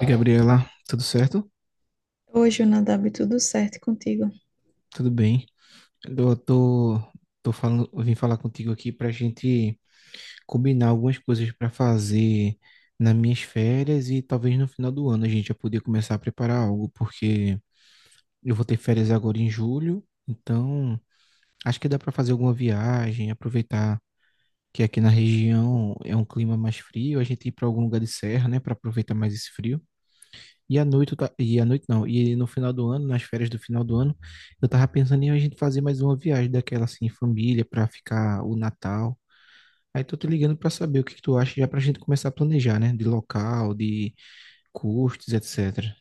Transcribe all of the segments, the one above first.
Oi, Gabriela, tudo certo? Hoje, o Nadab, tudo certo contigo. Tudo bem. Eu tô, tô falando, eu vim falar contigo aqui pra gente combinar algumas coisas pra fazer nas minhas férias e talvez no final do ano a gente já poder começar a preparar algo, porque eu vou ter férias agora em julho, então acho que dá pra fazer alguma viagem, aproveitar que aqui na região é um clima mais frio, a gente ir pra algum lugar de serra, né, pra aproveitar mais esse frio. E à noite, eu ta- e à noite não, e no final do ano, nas férias do final do ano, eu tava pensando em a gente fazer mais uma viagem daquela assim, em família, pra ficar o Natal. Aí tô te ligando pra saber o que que tu acha, já pra gente começar a planejar, né? De local, de custos, etc.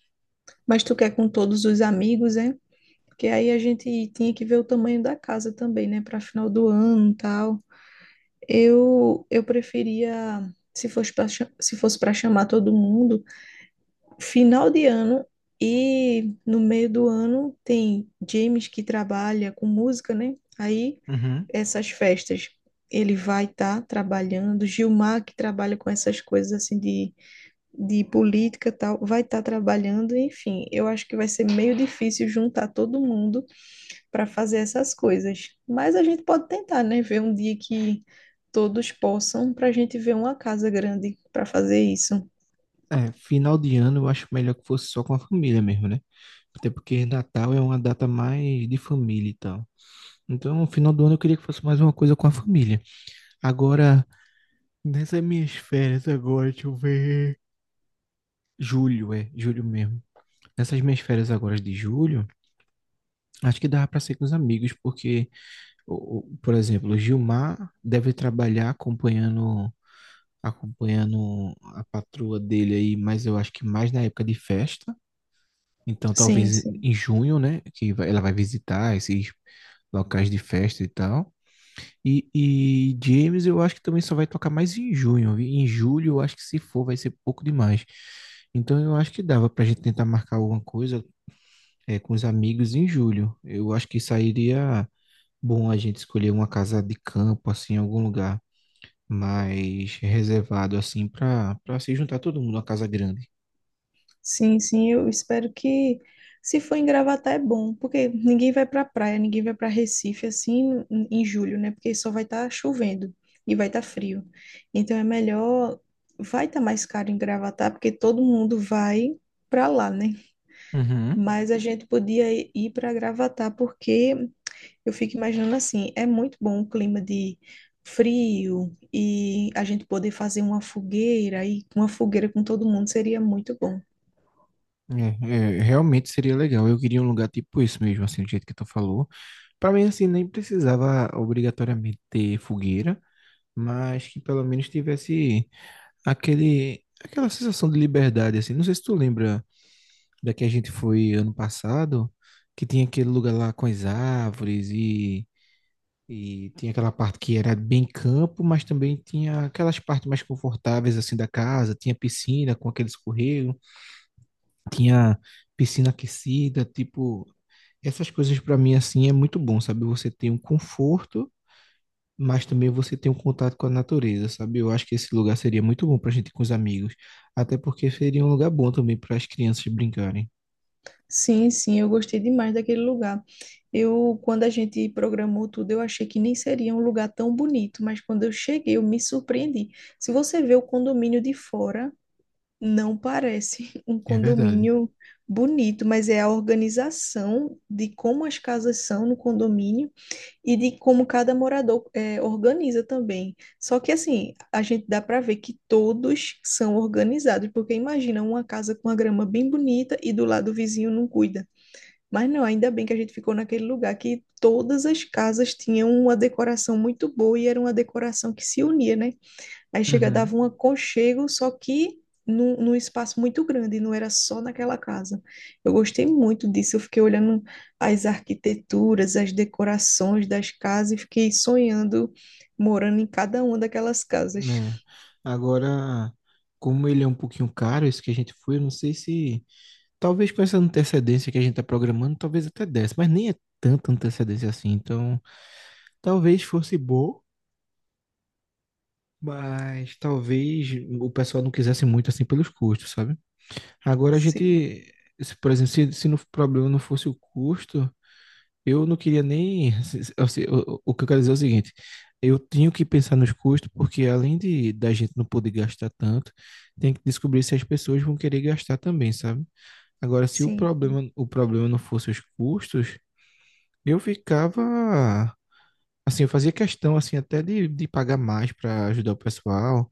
Mas tu quer com todos os amigos, é? Porque aí a gente tinha que ver o tamanho da casa também, né? Para final do ano, e tal. Eu preferia, se fosse para chamar todo mundo, final de ano e no meio do ano tem James que trabalha com música, né? Aí Uhum. essas festas ele vai estar trabalhando, Gilmar que trabalha com essas coisas assim de política tal, vai estar trabalhando, enfim, eu acho que vai ser meio difícil juntar todo mundo para fazer essas coisas. Mas a gente pode tentar, né? Ver um dia que todos possam, para a gente ver uma casa grande para fazer isso. É, final de ano eu acho melhor que fosse só com a família mesmo, né? Até porque Natal é uma data mais de família e tal. Então, final do ano eu queria que fosse mais uma coisa com a família. Agora, nessas minhas férias agora, deixa eu ver. Julho, é, julho mesmo. Nessas minhas férias agora de julho, acho que dava para ser com os amigos, porque, por exemplo, o Gilmar deve trabalhar acompanhando a patroa dele aí, mas eu acho que mais na época de festa. Então, Sim, talvez em sim. em junho, né? Ela vai visitar esses locais de festa e tal. E James, eu acho que também só vai tocar mais em junho. Vi? Em julho, eu acho que se for, vai ser pouco demais. Então, eu acho que dava pra gente tentar marcar alguma coisa com os amigos em julho. Eu acho que sairia bom a gente escolher uma casa de campo, assim, em algum lugar mais reservado, assim, para se juntar todo mundo, uma casa grande. Sim, sim, eu espero que se for em Gravatá é bom, porque ninguém vai para praia, ninguém vai para Recife assim em julho, né? Porque só vai estar chovendo e vai estar frio. Então é melhor vai estar mais caro em Gravatá, porque todo mundo vai para lá, né? Uhum. Mas a gente podia ir para Gravatá porque eu fico imaginando assim, é muito bom o clima de frio e a gente poder fazer uma fogueira e uma fogueira com todo mundo seria muito bom. É, realmente seria legal. Eu queria um lugar tipo isso mesmo, assim, do jeito que tu falou. Para mim, assim, nem precisava obrigatoriamente ter fogueira, mas que pelo menos tivesse aquela sensação de liberdade, assim. Não sei se tu lembra. Daqui a gente foi ano passado, que tinha aquele lugar lá com as árvores e tinha aquela parte que era bem campo, mas também tinha aquelas partes mais confortáveis assim da casa, tinha piscina com aquele escorrego, tinha piscina aquecida, tipo, essas coisas para mim assim é muito bom, sabe? Você tem um conforto, mas também você tem um contato com a natureza, sabe? Eu acho que esse lugar seria muito bom pra gente ir com os amigos, até porque seria um lugar bom também para as crianças brincarem. Sim, sim, eu gostei demais daquele lugar. Eu, quando a gente programou tudo, eu achei que nem seria um lugar tão bonito, mas quando eu cheguei, eu me surpreendi. Se você vê o condomínio de fora, não parece um É verdade. condomínio bonito, mas é a organização de como as casas são no condomínio e de como cada morador organiza também. Só que assim, a gente dá para ver que todos são organizados, porque imagina uma casa com a grama bem bonita e do lado o vizinho não cuida. Mas não, ainda bem que a gente ficou naquele lugar que todas as casas tinham uma decoração muito boa e era uma decoração que se unia, né? Aí chega, Uhum. dava um aconchego, só que num espaço muito grande, não era só naquela casa. Eu gostei muito disso, eu fiquei olhando as arquiteturas, as decorações das casas e fiquei sonhando morando em cada uma daquelas casas. Né? Agora, como ele é um pouquinho caro, esse que a gente foi, eu não sei se. Talvez com essa antecedência que a gente tá programando, talvez até desse, mas nem é tanta antecedência assim. Então, talvez fosse bom, mas talvez o pessoal não quisesse muito assim pelos custos, sabe? Agora a Sim, gente. Se, por exemplo, se no problema não fosse o custo. Eu não queria nem. Assim, o que eu quero dizer é o seguinte: eu tenho que pensar nos custos, porque além de da gente não poder gastar tanto, tem que descobrir se as pessoas vão querer gastar também, sabe? Agora, se o sim. problema, o problema não fosse os custos, eu ficava. Assim, eu fazia questão assim até de pagar mais para ajudar o pessoal,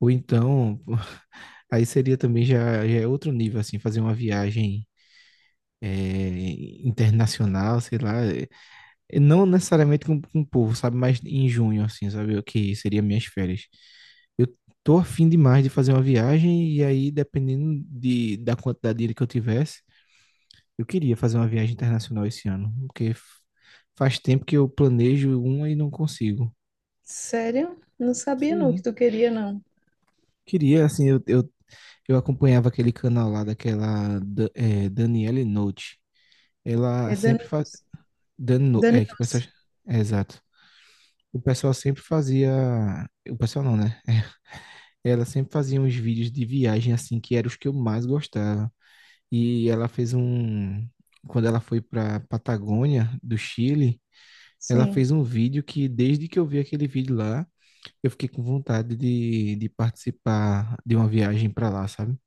ou então. Aí seria também já é outro nível, assim, fazer uma viagem internacional, sei lá. Não necessariamente com o povo, sabe? Mas em junho, assim, sabe? O que seria minhas férias. Eu tô afim demais de fazer uma viagem e aí, dependendo da quantidade de dinheiro que eu tivesse, eu queria fazer uma viagem internacional esse ano, porque faz tempo que eu planejo uma e não consigo. Sério? Não sabia não que Sim, tu queria, não. queria, assim, eu acompanhava aquele canal lá daquela da- é, Daniele Note. Ela É Dani sempre faz... Nossi. Dan, No- Dani é, que Nossi. pessoas... É, exato. O pessoal sempre fazia. O pessoal não, né? Ela sempre fazia uns vídeos de viagem assim, que eram os que eu mais gostava. E ela fez um. Quando ela foi para Patagônia, do Chile, ela Sim. fez um vídeo que, desde que eu vi aquele vídeo lá, eu fiquei com vontade de participar de uma viagem para lá, sabe?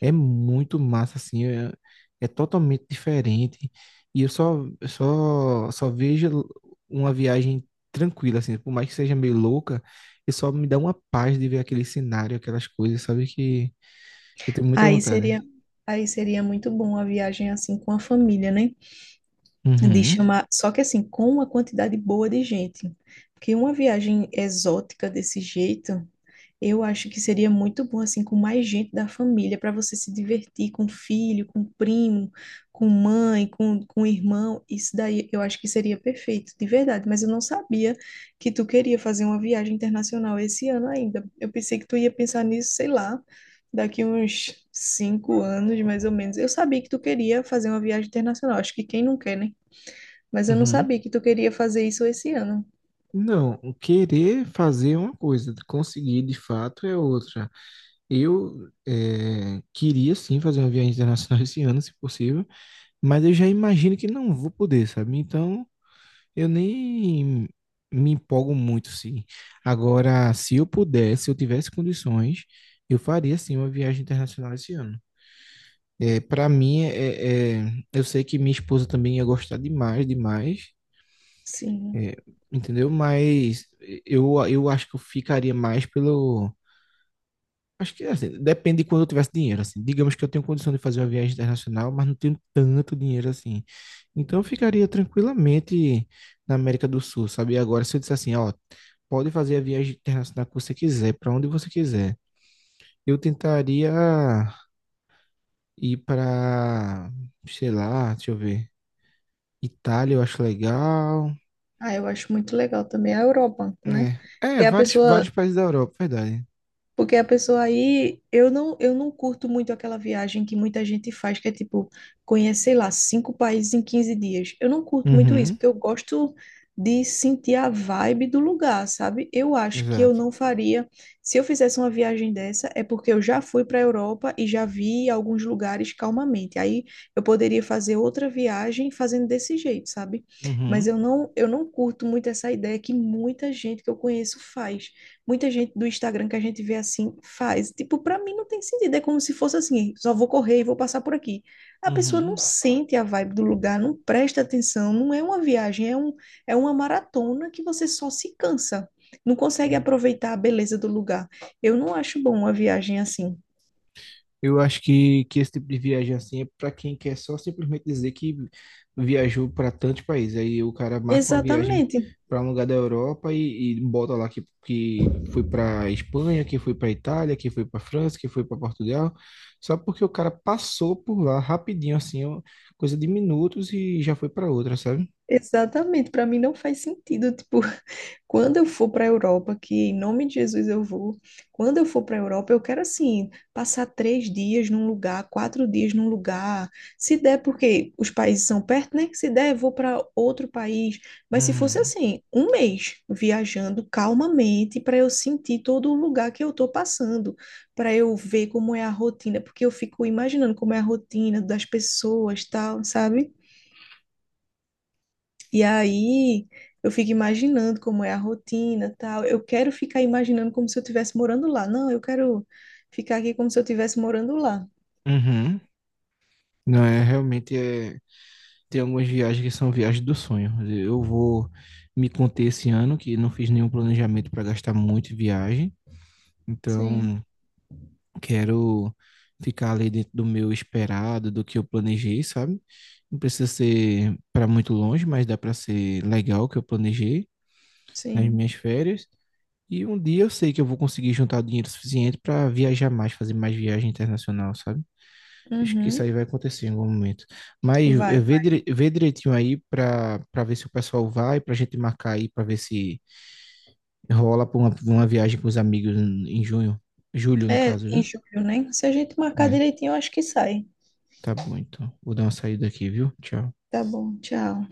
É muito massa, assim, é totalmente diferente. E só vejo uma viagem tranquila, assim, por mais que seja meio louca, e só me dá uma paz de ver aquele cenário, aquelas coisas, sabe? Que eu tenho muita Aí vontade. seria, aí seria muito bom a viagem assim com a família, né? De Uhum, chamar, só que assim, com uma quantidade boa de gente. Porque uma viagem exótica desse jeito eu acho que seria muito bom, assim, com mais gente da família, para você se divertir com filho, com primo, com mãe, com irmão. Isso daí eu acho que seria perfeito, de verdade. Mas eu não sabia que tu queria fazer uma viagem internacional esse ano ainda. Eu pensei que tu ia pensar nisso, sei lá, daqui uns 5 anos, mais ou menos. Eu sabia que tu queria fazer uma viagem internacional. Acho que quem não quer, né? Mas eu não uhum. sabia que tu queria fazer isso esse ano. Não, querer fazer é uma coisa, conseguir de fato é outra. Eu queria sim fazer uma viagem internacional esse ano, se possível, mas eu já imagino que não vou poder, sabe? Então eu nem me empolgo muito, sim. Agora, se eu pudesse, se eu tivesse condições, eu faria sim uma viagem internacional esse ano. É, para mim, eu sei que minha esposa também ia gostar demais, demais, Sim. é, entendeu? Mas eu acho que eu ficaria mais pelo. Acho que assim, depende de quando eu tivesse dinheiro, assim. Digamos que eu tenho condição de fazer uma viagem internacional, mas não tenho tanto dinheiro assim. Então eu ficaria tranquilamente na América do Sul, sabe? E agora, se eu disser assim, ó, pode fazer a viagem internacional que você quiser, para onde você quiser. Eu tentaria ir para, sei lá, deixa eu ver. Itália, eu acho legal. Ah, eu acho muito legal também a Eurobanco, né? É, Que é é a vários, vários pessoa, países da Europa, verdade. porque a pessoa aí, eu não curto muito aquela viagem que muita gente faz, que é tipo, conhecer, sei lá, cinco países em 15 dias. Eu não curto muito isso, Uhum, porque eu gosto de sentir a vibe do lugar, sabe? Eu acho que eu exato. não faria. Se eu fizesse uma viagem dessa, é porque eu já fui para a Europa e já vi alguns lugares calmamente. Aí eu poderia fazer outra viagem fazendo desse jeito, sabe? Mas Uhum, eu não curto muito essa ideia que muita gente que eu conheço faz muita gente do Instagram que a gente vê assim faz. Tipo, para mim não tem sentido. É como se fosse assim, só vou correr e vou passar por aqui. A pessoa não uhum. sente a vibe do lugar, não presta atenção, não é uma viagem, é um, é uma maratona que você só se cansa. Não consegue aproveitar a beleza do lugar. Eu não acho bom uma viagem assim. Eu acho que esse tipo de viagem assim é para quem quer só simplesmente dizer que viajou para tantos países. Aí o cara marca uma viagem Exatamente. para um lugar da Europa e bota lá que foi para Espanha, que foi para Itália, que foi para França, que foi para Portugal, só porque o cara passou por lá rapidinho, assim, ó, coisa de minutos e já foi para outra, sabe? Exatamente, para mim não faz sentido, tipo, quando eu for para a Europa, que em nome de Jesus eu vou, quando eu for para a Europa, eu quero assim, passar 3 dias num lugar, 4 dias num lugar, se der, porque os países são perto, né? Se der, eu vou para outro país, mas se fosse Hum, assim, um mês viajando calmamente para eu sentir todo o lugar que eu tô passando, para eu ver como é a rotina, porque eu fico imaginando como é a rotina das pessoas, tal, sabe? E aí eu fico imaginando como é a rotina, tal. Eu quero ficar imaginando como se eu estivesse morando lá. Não, eu quero ficar aqui como se eu estivesse morando lá. uhum. Não é realmente é. Tem algumas viagens que são viagens do sonho. Eu vou me conter esse ano, que não fiz nenhum planejamento para gastar muito em viagem. Sim, Então, quero ficar ali dentro do meu esperado, do que eu planejei, sabe? Não precisa ser para muito longe, mas dá para ser legal o que eu planejei nas sim. minhas férias. E um dia eu sei que eu vou conseguir juntar dinheiro suficiente para viajar mais, fazer mais viagem internacional, sabe? Acho que isso Uhum. aí vai acontecer em algum momento. Mas Vai, vai. Vê direitinho aí para ver se o pessoal vai, para a gente marcar aí, para ver se rola para uma viagem com os amigos em junho. Julho, no É caso, em viu? julho, né? Se a gente marcar É, direitinho, eu acho que sai. tá bom, então. Vou dar uma saída aqui, viu? Tchau. Tá bom, tchau.